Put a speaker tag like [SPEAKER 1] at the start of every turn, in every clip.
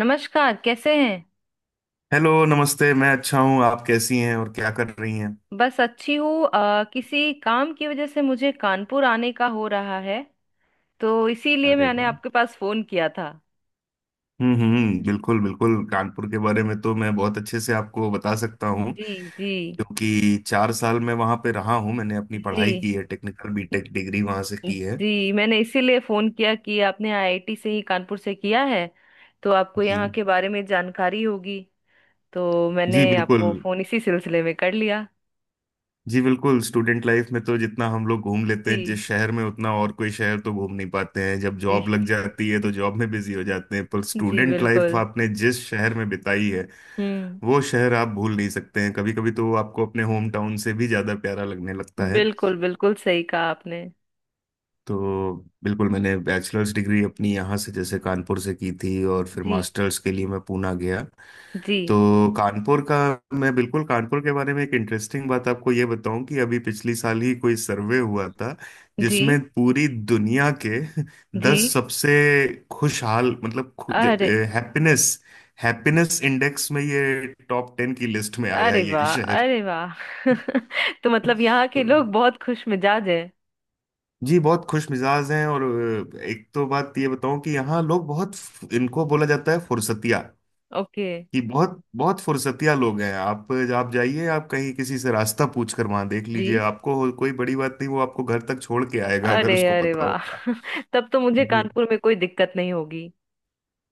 [SPEAKER 1] नमस्कार, कैसे हैं।
[SPEAKER 2] हेलो, नमस्ते। मैं अच्छा हूँ। आप कैसी हैं और क्या कर रही हैं?
[SPEAKER 1] बस अच्छी हूँ। किसी काम की वजह से मुझे कानपुर आने का हो रहा है, तो इसीलिए
[SPEAKER 2] अरे
[SPEAKER 1] मैंने
[SPEAKER 2] वाह।
[SPEAKER 1] आपके पास फोन किया था।
[SPEAKER 2] हम्म, बिल्कुल बिल्कुल, कानपुर के बारे में तो मैं बहुत अच्छे से आपको बता सकता हूँ,
[SPEAKER 1] जी जी।
[SPEAKER 2] क्योंकि 4 साल मैं वहाँ पे रहा हूँ। मैंने अपनी पढ़ाई
[SPEAKER 1] जी
[SPEAKER 2] की है, टेक्निकल बीटेक डिग्री वहाँ से की है।
[SPEAKER 1] जी, मैंने इसीलिए फोन किया कि आपने आईआईटी से ही, कानपुर से किया है, तो आपको
[SPEAKER 2] जी
[SPEAKER 1] यहाँ के बारे में जानकारी होगी। तो
[SPEAKER 2] जी
[SPEAKER 1] मैंने
[SPEAKER 2] बिल्कुल।
[SPEAKER 1] आपको फोन इसी सिलसिले में कर लिया।
[SPEAKER 2] जी बिल्कुल, स्टूडेंट लाइफ में तो जितना हम लोग घूम लेते हैं
[SPEAKER 1] जी।
[SPEAKER 2] जिस शहर में, उतना और कोई शहर तो घूम नहीं पाते हैं। जब
[SPEAKER 1] जी।
[SPEAKER 2] जॉब लग जाती है तो जॉब में बिजी हो जाते हैं, पर
[SPEAKER 1] जी
[SPEAKER 2] स्टूडेंट लाइफ
[SPEAKER 1] बिल्कुल।
[SPEAKER 2] आपने जिस शहर में बिताई है,
[SPEAKER 1] हम्म।
[SPEAKER 2] वो शहर आप भूल नहीं सकते हैं। कभी कभी तो वो आपको अपने होम टाउन से भी ज्यादा प्यारा लगने लगता है।
[SPEAKER 1] बिल्कुल बिल्कुल सही कहा आपने।
[SPEAKER 2] तो बिल्कुल, मैंने बैचलर्स डिग्री अपनी यहाँ से, जैसे कानपुर से की थी, और फिर
[SPEAKER 1] जी।
[SPEAKER 2] मास्टर्स के लिए मैं पूना गया।
[SPEAKER 1] जी।
[SPEAKER 2] तो कानपुर का, मैं बिल्कुल कानपुर के बारे में एक इंटरेस्टिंग बात आपको ये बताऊं कि अभी पिछली साल ही कोई सर्वे हुआ था
[SPEAKER 1] जी।
[SPEAKER 2] जिसमें पूरी दुनिया के
[SPEAKER 1] जी।
[SPEAKER 2] 10 सबसे खुशहाल, मतलब
[SPEAKER 1] अरे,
[SPEAKER 2] हैप्पीनेस, हैप्पीनेस इंडेक्स में ये टॉप 10 की लिस्ट में आया
[SPEAKER 1] अरे
[SPEAKER 2] है ये
[SPEAKER 1] वाह,
[SPEAKER 2] शहर।
[SPEAKER 1] अरे वाह। तो मतलब यहाँ के
[SPEAKER 2] तो
[SPEAKER 1] लोग बहुत खुश मिजाज हैं।
[SPEAKER 2] जी, बहुत खुश मिजाज हैं, और एक तो बात ये बताऊं कि यहाँ लोग बहुत, इनको बोला जाता है फुर्सतिया,
[SPEAKER 1] ओके।
[SPEAKER 2] कि बहुत बहुत फुर्सतिया लोग हैं। आप जाइए, आप कहीं किसी से रास्ता पूछ कर वहां देख
[SPEAKER 1] जी।
[SPEAKER 2] लीजिए, आपको कोई बड़ी बात नहीं, वो आपको घर तक छोड़ के आएगा अगर
[SPEAKER 1] अरे,
[SPEAKER 2] उसको
[SPEAKER 1] अरे
[SPEAKER 2] पता
[SPEAKER 1] वाह।
[SPEAKER 2] होगा।
[SPEAKER 1] तब तो मुझे
[SPEAKER 2] जी
[SPEAKER 1] कानपुर में कोई दिक्कत नहीं होगी।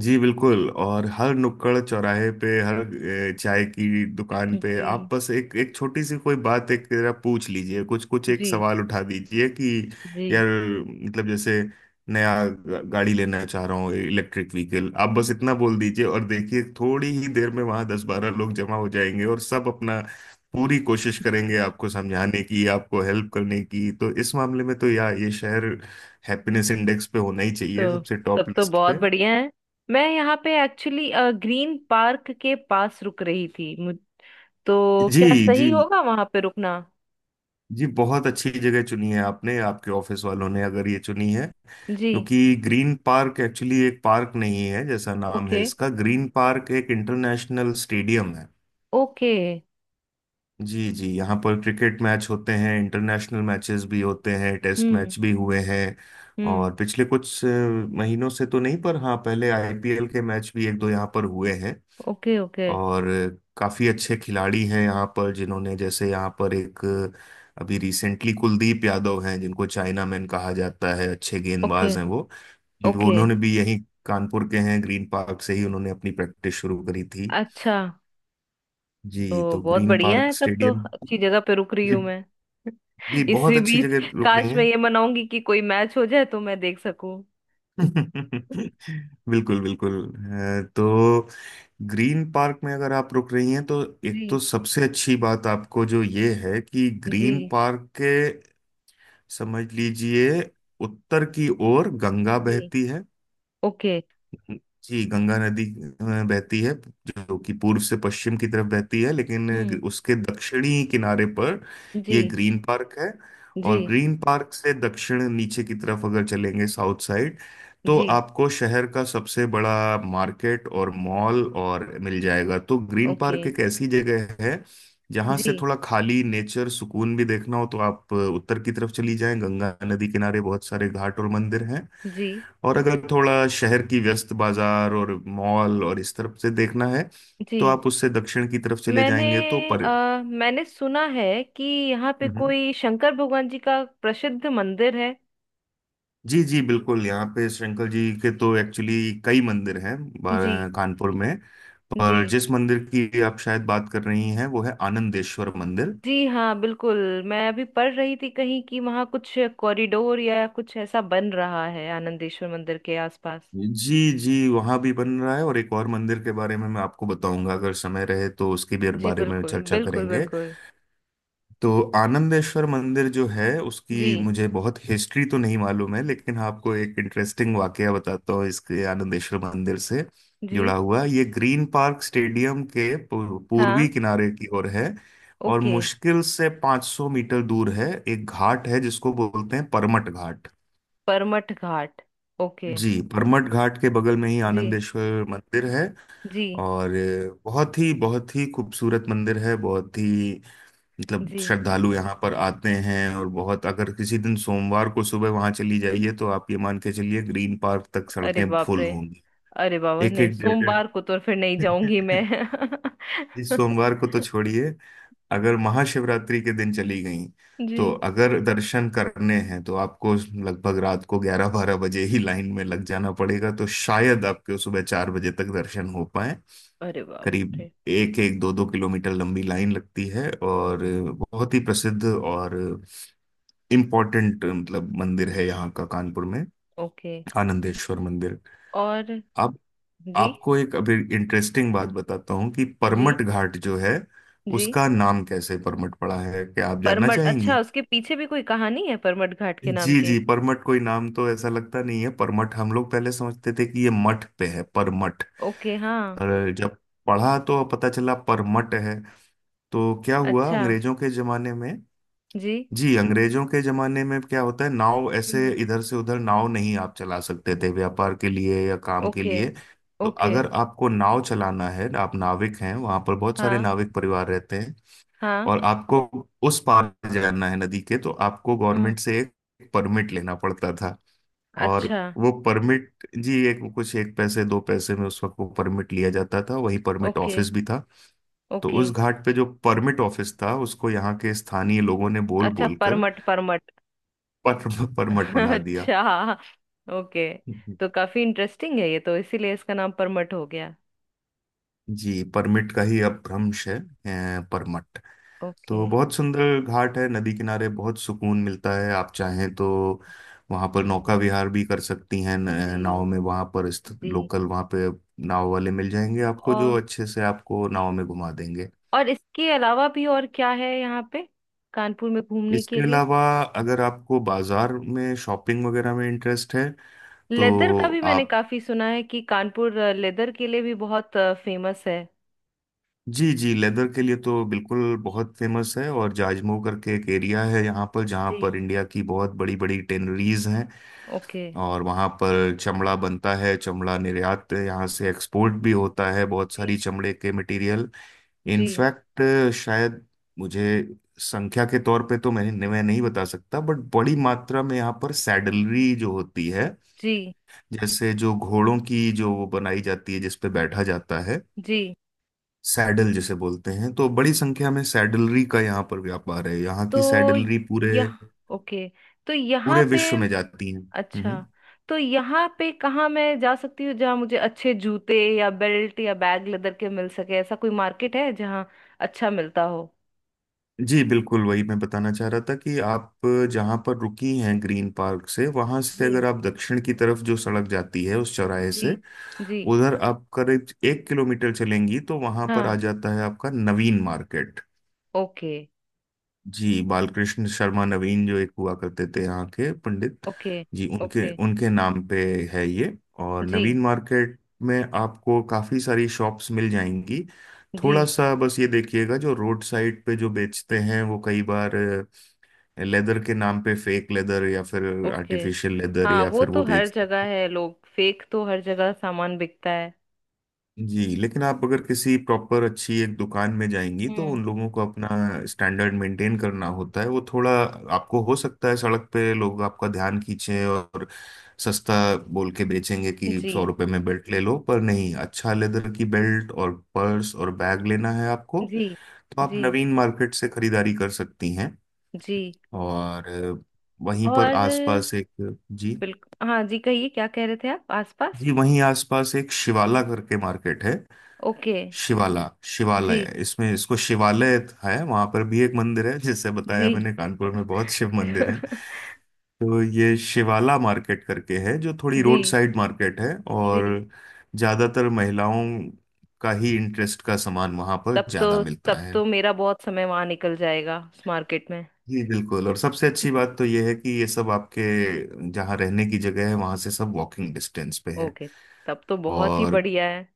[SPEAKER 2] जी बिल्कुल। और हर नुक्कड़ चौराहे पे, हर चाय की दुकान पे, आप
[SPEAKER 1] जी।
[SPEAKER 2] बस एक एक छोटी सी कोई बात, एक जरा पूछ लीजिए, कुछ कुछ एक
[SPEAKER 1] जी।
[SPEAKER 2] सवाल उठा दीजिए कि
[SPEAKER 1] जी।
[SPEAKER 2] यार, मतलब जैसे, नया गाड़ी लेना चाह रहा हूँ इलेक्ट्रिक व्हीकल, आप बस इतना बोल दीजिए और देखिए थोड़ी ही देर में वहां 10-12 लोग जमा हो जाएंगे और सब अपना पूरी कोशिश करेंगे आपको समझाने की, आपको हेल्प करने की। तो इस मामले में तो यार, ये शहर हैप्पीनेस इंडेक्स पे होना ही चाहिए
[SPEAKER 1] तो
[SPEAKER 2] सबसे
[SPEAKER 1] तब
[SPEAKER 2] टॉप
[SPEAKER 1] तो
[SPEAKER 2] लिस्ट।
[SPEAKER 1] बहुत बढ़िया है। मैं यहाँ पे एक्चुअली ग्रीन पार्क के पास रुक रही थी, मुझ, तो
[SPEAKER 2] जी
[SPEAKER 1] क्या
[SPEAKER 2] जी
[SPEAKER 1] सही होगा वहां पे रुकना।
[SPEAKER 2] जी, बहुत अच्छी जगह चुनी है आपने, आपके ऑफिस वालों ने अगर ये चुनी है,
[SPEAKER 1] जी।
[SPEAKER 2] क्योंकि ग्रीन पार्क एक्चुअली एक पार्क नहीं है जैसा नाम है
[SPEAKER 1] ओके।
[SPEAKER 2] इसका, ग्रीन पार्क एक इंटरनेशनल स्टेडियम है।
[SPEAKER 1] ओके।
[SPEAKER 2] जी जी, यहाँ पर क्रिकेट मैच होते हैं, इंटरनेशनल मैचेस भी होते हैं, टेस्ट
[SPEAKER 1] हम्म।
[SPEAKER 2] मैच भी हुए हैं।
[SPEAKER 1] हम्म।
[SPEAKER 2] और पिछले कुछ महीनों से तो नहीं, पर हाँ पहले आईपीएल के मैच भी 1-2 यहाँ पर हुए हैं।
[SPEAKER 1] ओके। ओके।
[SPEAKER 2] और काफ़ी अच्छे खिलाड़ी हैं यहाँ पर, जिन्होंने जैसे यहाँ पर एक, अभी रिसेंटली कुलदीप यादव हैं, जिनको चाइना मैन कहा जाता है, अच्छे
[SPEAKER 1] ओके।
[SPEAKER 2] गेंदबाज हैं वो। वो
[SPEAKER 1] ओके।
[SPEAKER 2] उन्होंने भी यहीं, कानपुर के हैं, ग्रीन पार्क से ही उन्होंने अपनी प्रैक्टिस शुरू करी थी।
[SPEAKER 1] अच्छा।
[SPEAKER 2] जी
[SPEAKER 1] तो
[SPEAKER 2] तो
[SPEAKER 1] बहुत
[SPEAKER 2] ग्रीन
[SPEAKER 1] बढ़िया है,
[SPEAKER 2] पार्क
[SPEAKER 1] तब तो
[SPEAKER 2] स्टेडियम।
[SPEAKER 1] अच्छी जगह पे रुक रही
[SPEAKER 2] जी
[SPEAKER 1] हूँ मैं।
[SPEAKER 2] जी, बहुत
[SPEAKER 1] इसी
[SPEAKER 2] अच्छी
[SPEAKER 1] बीच
[SPEAKER 2] जगह रुक रही
[SPEAKER 1] काश
[SPEAKER 2] हैं।
[SPEAKER 1] मैं ये मनाऊंगी कि कोई मैच हो जाए तो मैं देख सकूं।
[SPEAKER 2] बिल्कुल बिल्कुल। तो ग्रीन पार्क में अगर आप रुक रही हैं तो एक तो
[SPEAKER 1] जी।
[SPEAKER 2] सबसे अच्छी बात आपको जो ये है कि
[SPEAKER 1] जी।
[SPEAKER 2] ग्रीन पार्क के, समझ लीजिए उत्तर की ओर गंगा
[SPEAKER 1] जी।
[SPEAKER 2] बहती है।
[SPEAKER 1] ओके।
[SPEAKER 2] जी गंगा नदी बहती है, जो कि पूर्व से पश्चिम की तरफ बहती है, लेकिन
[SPEAKER 1] हम्म।
[SPEAKER 2] उसके दक्षिणी किनारे पर ये
[SPEAKER 1] जी।
[SPEAKER 2] ग्रीन पार्क है।
[SPEAKER 1] जी।
[SPEAKER 2] और ग्रीन पार्क से दक्षिण नीचे की तरफ अगर चलेंगे, साउथ साइड, तो
[SPEAKER 1] जी।
[SPEAKER 2] आपको शहर का सबसे बड़ा मार्केट और मॉल और मिल जाएगा। तो ग्रीन
[SPEAKER 1] ओके।
[SPEAKER 2] पार्क एक ऐसी जगह है जहां से
[SPEAKER 1] जी।
[SPEAKER 2] थोड़ा खाली नेचर सुकून भी देखना हो तो आप उत्तर की तरफ चली जाएं, गंगा नदी किनारे बहुत सारे घाट और मंदिर हैं।
[SPEAKER 1] जी।
[SPEAKER 2] और अगर थोड़ा शहर की व्यस्त बाजार और मॉल और इस तरफ से देखना है
[SPEAKER 1] जी
[SPEAKER 2] तो आप उससे दक्षिण की तरफ चले
[SPEAKER 1] मैंने,
[SPEAKER 2] जाएंगे तो पर।
[SPEAKER 1] मैंने सुना है कि यहाँ पे
[SPEAKER 2] हम्म।
[SPEAKER 1] कोई शंकर भगवान जी का प्रसिद्ध मंदिर है।
[SPEAKER 2] जी जी बिल्कुल, यहाँ पे शंकर जी के तो एक्चुअली कई मंदिर हैं
[SPEAKER 1] जी।
[SPEAKER 2] कानपुर में,
[SPEAKER 1] जी।
[SPEAKER 2] पर जिस मंदिर की आप शायद बात कर रही हैं वो है आनंदेश्वर मंदिर।
[SPEAKER 1] जी हाँ बिल्कुल। मैं अभी पढ़ रही थी कहीं कि वहाँ कुछ कॉरिडोर या कुछ ऐसा बन रहा है आनंदेश्वर मंदिर के आसपास।
[SPEAKER 2] जी जी, वहाँ भी बन रहा है, और एक और मंदिर के बारे में मैं आपको बताऊंगा, अगर समय रहे तो उसके भी
[SPEAKER 1] जी
[SPEAKER 2] बारे में
[SPEAKER 1] बिल्कुल
[SPEAKER 2] चर्चा
[SPEAKER 1] बिल्कुल
[SPEAKER 2] करेंगे।
[SPEAKER 1] बिल्कुल।
[SPEAKER 2] तो आनंदेश्वर मंदिर जो है
[SPEAKER 1] जी।
[SPEAKER 2] उसकी मुझे बहुत हिस्ट्री तो नहीं मालूम है, लेकिन हाँ, आपको एक इंटरेस्टिंग वाकया बताता हूँ इसके आनंदेश्वर मंदिर से
[SPEAKER 1] जी
[SPEAKER 2] जुड़ा हुआ। ये ग्रीन पार्क स्टेडियम के
[SPEAKER 1] हाँ।
[SPEAKER 2] पूर्वी किनारे की ओर है, और
[SPEAKER 1] ओके।
[SPEAKER 2] मुश्किल से 500 मीटर दूर है। एक घाट है जिसको बोलते हैं परमट घाट।
[SPEAKER 1] परमठ घाट। ओके।
[SPEAKER 2] जी परमट घाट के बगल में ही
[SPEAKER 1] जी।
[SPEAKER 2] आनंदेश्वर मंदिर है।
[SPEAKER 1] जी।
[SPEAKER 2] और बहुत ही खूबसूरत मंदिर है, बहुत ही, मतलब
[SPEAKER 1] जी।
[SPEAKER 2] श्रद्धालु यहाँ पर आते हैं, और बहुत, अगर किसी दिन सोमवार को सुबह वहां चली जाइए तो आप ये मान के चलिए ग्रीन पार्क तक
[SPEAKER 1] अरे
[SPEAKER 2] सड़कें
[SPEAKER 1] बाप
[SPEAKER 2] फुल
[SPEAKER 1] रे।
[SPEAKER 2] होंगी।
[SPEAKER 1] अरे बाबा,
[SPEAKER 2] एक
[SPEAKER 1] नहीं,
[SPEAKER 2] एक डेढ़
[SPEAKER 1] सोमवार को तो फिर नहीं जाऊंगी
[SPEAKER 2] डेढ़,
[SPEAKER 1] मैं।
[SPEAKER 2] इस सोमवार को तो छोड़िए, अगर महाशिवरात्रि के दिन चली गई
[SPEAKER 1] जी।
[SPEAKER 2] तो, अगर दर्शन करने हैं, तो आपको लगभग रात को 11-12 बजे ही लाइन में लग जाना पड़ेगा, तो शायद आपके सुबह 4 बजे तक दर्शन हो पाए।
[SPEAKER 1] अरे बाप
[SPEAKER 2] करीब
[SPEAKER 1] रे।
[SPEAKER 2] एक एक दो दो किलोमीटर लंबी लाइन लगती है, और बहुत ही प्रसिद्ध और इम्पोर्टेंट, मतलब मंदिर है यहाँ का कानपुर में,
[SPEAKER 1] ओके।
[SPEAKER 2] आनंदेश्वर मंदिर।
[SPEAKER 1] और
[SPEAKER 2] आप,
[SPEAKER 1] जी।
[SPEAKER 2] आपको एक अभी इंटरेस्टिंग बात बताता हूँ कि
[SPEAKER 1] जी।
[SPEAKER 2] परमट घाट जो है,
[SPEAKER 1] जी।
[SPEAKER 2] उसका नाम कैसे परमट पड़ा है, क्या आप जानना
[SPEAKER 1] परमट, अच्छा,
[SPEAKER 2] चाहेंगी?
[SPEAKER 1] उसके पीछे भी कोई कहानी है परमट घाट के नाम
[SPEAKER 2] जी
[SPEAKER 1] के।
[SPEAKER 2] जी, परमठ कोई नाम तो ऐसा लगता नहीं है। परमठ हम लोग पहले समझते थे कि ये मठ पे है परमठ,
[SPEAKER 1] ओके हाँ।
[SPEAKER 2] पर जब पढ़ा तो पता चला परमठ है। तो क्या हुआ
[SPEAKER 1] अच्छा।
[SPEAKER 2] अंग्रेजों के जमाने में,
[SPEAKER 1] जी।
[SPEAKER 2] जी अंग्रेजों के जमाने में क्या होता है, नाव ऐसे
[SPEAKER 1] हम्म।
[SPEAKER 2] इधर से उधर नाव नहीं आप चला सकते थे व्यापार के लिए या काम के
[SPEAKER 1] ओके।
[SPEAKER 2] लिए। तो
[SPEAKER 1] ओके।
[SPEAKER 2] अगर आपको नाव चलाना है, आप नाविक हैं, वहां पर बहुत सारे
[SPEAKER 1] हाँ।
[SPEAKER 2] नाविक परिवार रहते हैं,
[SPEAKER 1] हाँ।
[SPEAKER 2] और आपको उस पार जाना है नदी के, तो आपको
[SPEAKER 1] हम्म।
[SPEAKER 2] गवर्नमेंट से एक परमिट लेना पड़ता था। और
[SPEAKER 1] अच्छा।
[SPEAKER 2] वो परमिट जी एक कुछ एक पैसे दो पैसे में उस वक्त वो परमिट लिया जाता था, वही परमिट
[SPEAKER 1] ओके।
[SPEAKER 2] ऑफिस भी था। तो
[SPEAKER 1] ओके।
[SPEAKER 2] उस घाट पे जो परमिट ऑफिस था उसको यहाँ के स्थानीय लोगों ने बोल
[SPEAKER 1] अच्छा
[SPEAKER 2] बोल कर
[SPEAKER 1] परमट, परमट।
[SPEAKER 2] परमट बना दिया।
[SPEAKER 1] अच्छा। ओके। तो काफी इंटरेस्टिंग है ये, तो इसीलिए इसका नाम परमट हो गया।
[SPEAKER 2] जी परमिट का ही अब भ्रंश है परमट।
[SPEAKER 1] ओके।
[SPEAKER 2] तो बहुत सुंदर घाट है, नदी किनारे बहुत सुकून मिलता है। आप चाहें तो वहाँ पर नौका विहार भी कर सकती हैं,
[SPEAKER 1] जी।
[SPEAKER 2] नाव में, वहाँ पर स्थित
[SPEAKER 1] जी।
[SPEAKER 2] लोकल वहाँ पे नाव वाले मिल जाएंगे आपको, जो
[SPEAKER 1] और
[SPEAKER 2] अच्छे से आपको
[SPEAKER 1] जी।
[SPEAKER 2] नाव में घुमा देंगे।
[SPEAKER 1] और इसके अलावा भी और क्या है यहाँ पे, कानपुर में घूमने के
[SPEAKER 2] इसके
[SPEAKER 1] लिए।
[SPEAKER 2] अलावा अगर आपको बाजार में शॉपिंग वगैरह में इंटरेस्ट है
[SPEAKER 1] लेदर का भी
[SPEAKER 2] तो
[SPEAKER 1] मैंने
[SPEAKER 2] आप,
[SPEAKER 1] काफी सुना है कि कानपुर लेदर के लिए भी बहुत फेमस है।
[SPEAKER 2] जी जी लेदर के लिए तो बिल्कुल बहुत फेमस है, और जाजमऊ करके एक एरिया है यहाँ पर, जहाँ
[SPEAKER 1] जी।
[SPEAKER 2] पर इंडिया की बहुत बड़ी बड़ी टेनरीज हैं।
[SPEAKER 1] ओके।
[SPEAKER 2] और वहाँ पर चमड़ा बनता है, चमड़ा निर्यात, यहाँ से एक्सपोर्ट भी होता है बहुत
[SPEAKER 1] जी।
[SPEAKER 2] सारी चमड़े के मटेरियल।
[SPEAKER 1] जी।
[SPEAKER 2] इनफैक्ट शायद, मुझे संख्या के तौर पे तो मैं नहीं बता सकता, बट बड़ी मात्रा में यहाँ पर सैडलरी जो होती है,
[SPEAKER 1] जी।
[SPEAKER 2] जैसे जो घोड़ों की जो वो बनाई जाती है जिस पे बैठा जाता है,
[SPEAKER 1] जी
[SPEAKER 2] सैडल जिसे बोलते हैं, तो बड़ी संख्या में सैडलरी का यहाँ पर व्यापार है। यहाँ की
[SPEAKER 1] तो
[SPEAKER 2] सैडलरी पूरे
[SPEAKER 1] यह, ओके, तो यहाँ
[SPEAKER 2] पूरे
[SPEAKER 1] पे,
[SPEAKER 2] विश्व में जाती हैं।
[SPEAKER 1] अच्छा,
[SPEAKER 2] हम्म।
[SPEAKER 1] तो यहाँ पे कहाँ मैं जा सकती हूँ जहाँ मुझे अच्छे जूते या बेल्ट या बैग लेदर के मिल सके, ऐसा कोई मार्केट है जहाँ अच्छा मिलता हो।
[SPEAKER 2] जी बिल्कुल, वही मैं बताना चाह रहा था कि आप जहाँ पर रुकी हैं ग्रीन पार्क से, वहां से
[SPEAKER 1] जी।
[SPEAKER 2] अगर आप दक्षिण की तरफ जो सड़क जाती है उस चौराहे
[SPEAKER 1] जी।
[SPEAKER 2] से
[SPEAKER 1] जी
[SPEAKER 2] उधर आप करीब 1 किलोमीटर चलेंगी तो वहां पर आ
[SPEAKER 1] हाँ।
[SPEAKER 2] जाता है आपका नवीन मार्केट।
[SPEAKER 1] ओके।
[SPEAKER 2] जी बालकृष्ण शर्मा नवीन, जो एक हुआ करते थे यहाँ के पंडित,
[SPEAKER 1] ओके।
[SPEAKER 2] जी उनके
[SPEAKER 1] ओके।
[SPEAKER 2] उनके नाम पे है ये। और
[SPEAKER 1] जी।
[SPEAKER 2] नवीन मार्केट में आपको काफ़ी सारी शॉप्स मिल जाएंगी।
[SPEAKER 1] जी।
[SPEAKER 2] थोड़ा सा बस ये देखिएगा जो रोड साइड पे जो बेचते हैं वो कई बार लेदर के नाम पे फेक लेदर या फिर
[SPEAKER 1] ओके।
[SPEAKER 2] आर्टिफिशियल लेदर
[SPEAKER 1] हाँ
[SPEAKER 2] या
[SPEAKER 1] वो
[SPEAKER 2] फिर
[SPEAKER 1] तो
[SPEAKER 2] वो
[SPEAKER 1] हर
[SPEAKER 2] बेचते
[SPEAKER 1] जगह
[SPEAKER 2] हैं।
[SPEAKER 1] है, लोग फेक तो हर जगह सामान बिकता है।
[SPEAKER 2] जी लेकिन आप अगर किसी प्रॉपर अच्छी एक दुकान में जाएंगी तो
[SPEAKER 1] हम्म।
[SPEAKER 2] उन लोगों को अपना स्टैंडर्ड मेंटेन करना होता है, वो थोड़ा। आपको हो सकता है सड़क पे लोग आपका ध्यान खींचे और सस्ता बोल के बेचेंगे कि
[SPEAKER 1] जी।
[SPEAKER 2] 100 रुपए में बेल्ट ले लो, पर नहीं, अच्छा लेदर की बेल्ट और पर्स और बैग लेना है आपको
[SPEAKER 1] जी।
[SPEAKER 2] तो आप
[SPEAKER 1] जी।
[SPEAKER 2] नवीन मार्केट से खरीदारी कर सकती हैं।
[SPEAKER 1] जी।
[SPEAKER 2] और वहीं पर
[SPEAKER 1] और
[SPEAKER 2] आसपास एक, जी
[SPEAKER 1] बिल्कुल हाँ जी, कहिए क्या कह रहे थे आप, आसपास।
[SPEAKER 2] जी वहीं आसपास एक शिवाला करके मार्केट है।
[SPEAKER 1] ओके।
[SPEAKER 2] शिवाला,
[SPEAKER 1] जी।
[SPEAKER 2] शिवालय, इसमें इसको शिवालय है, वहां पर भी एक मंदिर है, जैसे बताया
[SPEAKER 1] जी।
[SPEAKER 2] मैंने कानपुर में बहुत शिव मंदिर है। तो ये शिवाला मार्केट करके है जो थोड़ी
[SPEAKER 1] जी।
[SPEAKER 2] रोड साइड मार्केट है, और
[SPEAKER 1] जी।
[SPEAKER 2] ज्यादातर महिलाओं का ही इंटरेस्ट का सामान वहां पर
[SPEAKER 1] तब तो,
[SPEAKER 2] ज्यादा मिलता
[SPEAKER 1] तब
[SPEAKER 2] है।
[SPEAKER 1] तो मेरा बहुत समय वहां निकल जाएगा उस मार्केट में।
[SPEAKER 2] जी बिल्कुल, और सबसे अच्छी बात तो ये है कि ये सब आपके जहाँ रहने की जगह है वहां से सब वॉकिंग डिस्टेंस पे है।
[SPEAKER 1] ओके। तब तो बहुत ही
[SPEAKER 2] और
[SPEAKER 1] बढ़िया है।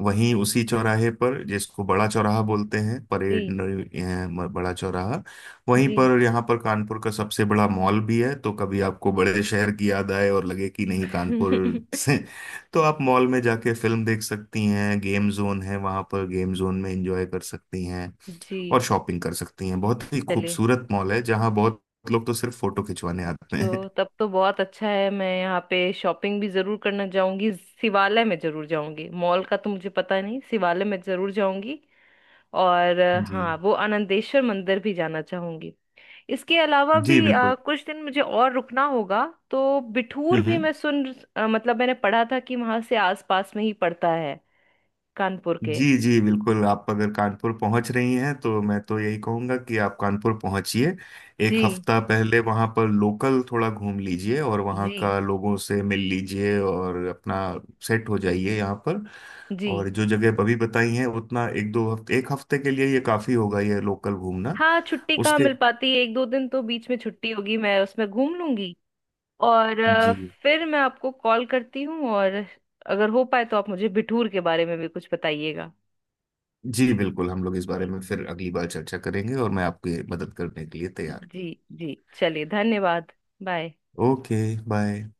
[SPEAKER 2] वहीं उसी चौराहे पर जिसको बड़ा चौराहा बोलते हैं, परेड
[SPEAKER 1] जी।
[SPEAKER 2] बड़ा चौराहा, वहीं
[SPEAKER 1] जी।
[SPEAKER 2] पर यहाँ पर कानपुर का सबसे बड़ा मॉल भी है। तो कभी आपको बड़े शहर की याद आए और लगे कि नहीं, कानपुर से, तो आप मॉल में जाके फिल्म देख सकती हैं, गेम जोन है वहाँ पर, गेम जोन में एंजॉय कर सकती हैं
[SPEAKER 1] जी,
[SPEAKER 2] और शॉपिंग कर सकती हैं। बहुत ही
[SPEAKER 1] चलिए।
[SPEAKER 2] खूबसूरत मॉल है जहाँ बहुत लोग तो सिर्फ फोटो खिंचवाने आते हैं।
[SPEAKER 1] तो तब तो बहुत अच्छा है, मैं यहाँ पे शॉपिंग भी जरूर करना जाऊंगी। शिवालय में जरूर जाऊंगी, मॉल का तो मुझे पता नहीं, शिवालय में जरूर जाऊंगी। और
[SPEAKER 2] जी
[SPEAKER 1] हाँ, वो आनंदेश्वर मंदिर भी जाना चाहूंगी। इसके अलावा
[SPEAKER 2] जी
[SPEAKER 1] भी
[SPEAKER 2] बिल्कुल।
[SPEAKER 1] कुछ दिन मुझे और रुकना होगा। तो बिठूर भी
[SPEAKER 2] हम्म।
[SPEAKER 1] मैं सुन, मतलब मैंने पढ़ा था कि वहां से आसपास में ही पड़ता है, कानपुर के।
[SPEAKER 2] जी जी बिल्कुल, आप अगर कानपुर पहुंच रही हैं तो मैं तो यही कहूंगा कि आप कानपुर पहुंचिए एक
[SPEAKER 1] जी।
[SPEAKER 2] हफ्ता पहले, वहां पर लोकल थोड़ा घूम लीजिए, और वहां
[SPEAKER 1] जी।
[SPEAKER 2] का लोगों से मिल लीजिए और अपना सेट हो जाइए यहाँ पर।
[SPEAKER 1] जी
[SPEAKER 2] और जो जगह अभी बताई हैं, उतना 1-2 हफ्ते, 1 हफ्ते के लिए ये काफी होगा ये लोकल घूमना।
[SPEAKER 1] हाँ, छुट्टी कहाँ
[SPEAKER 2] उसके,
[SPEAKER 1] मिल पाती है, एक दो दिन तो बीच में छुट्टी होगी मैं उसमें घूम लूंगी। और
[SPEAKER 2] जी
[SPEAKER 1] फिर मैं आपको कॉल करती हूँ, और अगर हो पाए तो आप मुझे बिठूर के बारे में भी कुछ बताइएगा।
[SPEAKER 2] जी बिल्कुल, हम लोग इस बारे
[SPEAKER 1] जी।
[SPEAKER 2] में फिर अगली बार चर्चा करेंगे, और मैं आपकी मदद करने के लिए तैयार
[SPEAKER 1] जी। जी चलिए, धन्यवाद। बाय।
[SPEAKER 2] हूँ। Okay, bye.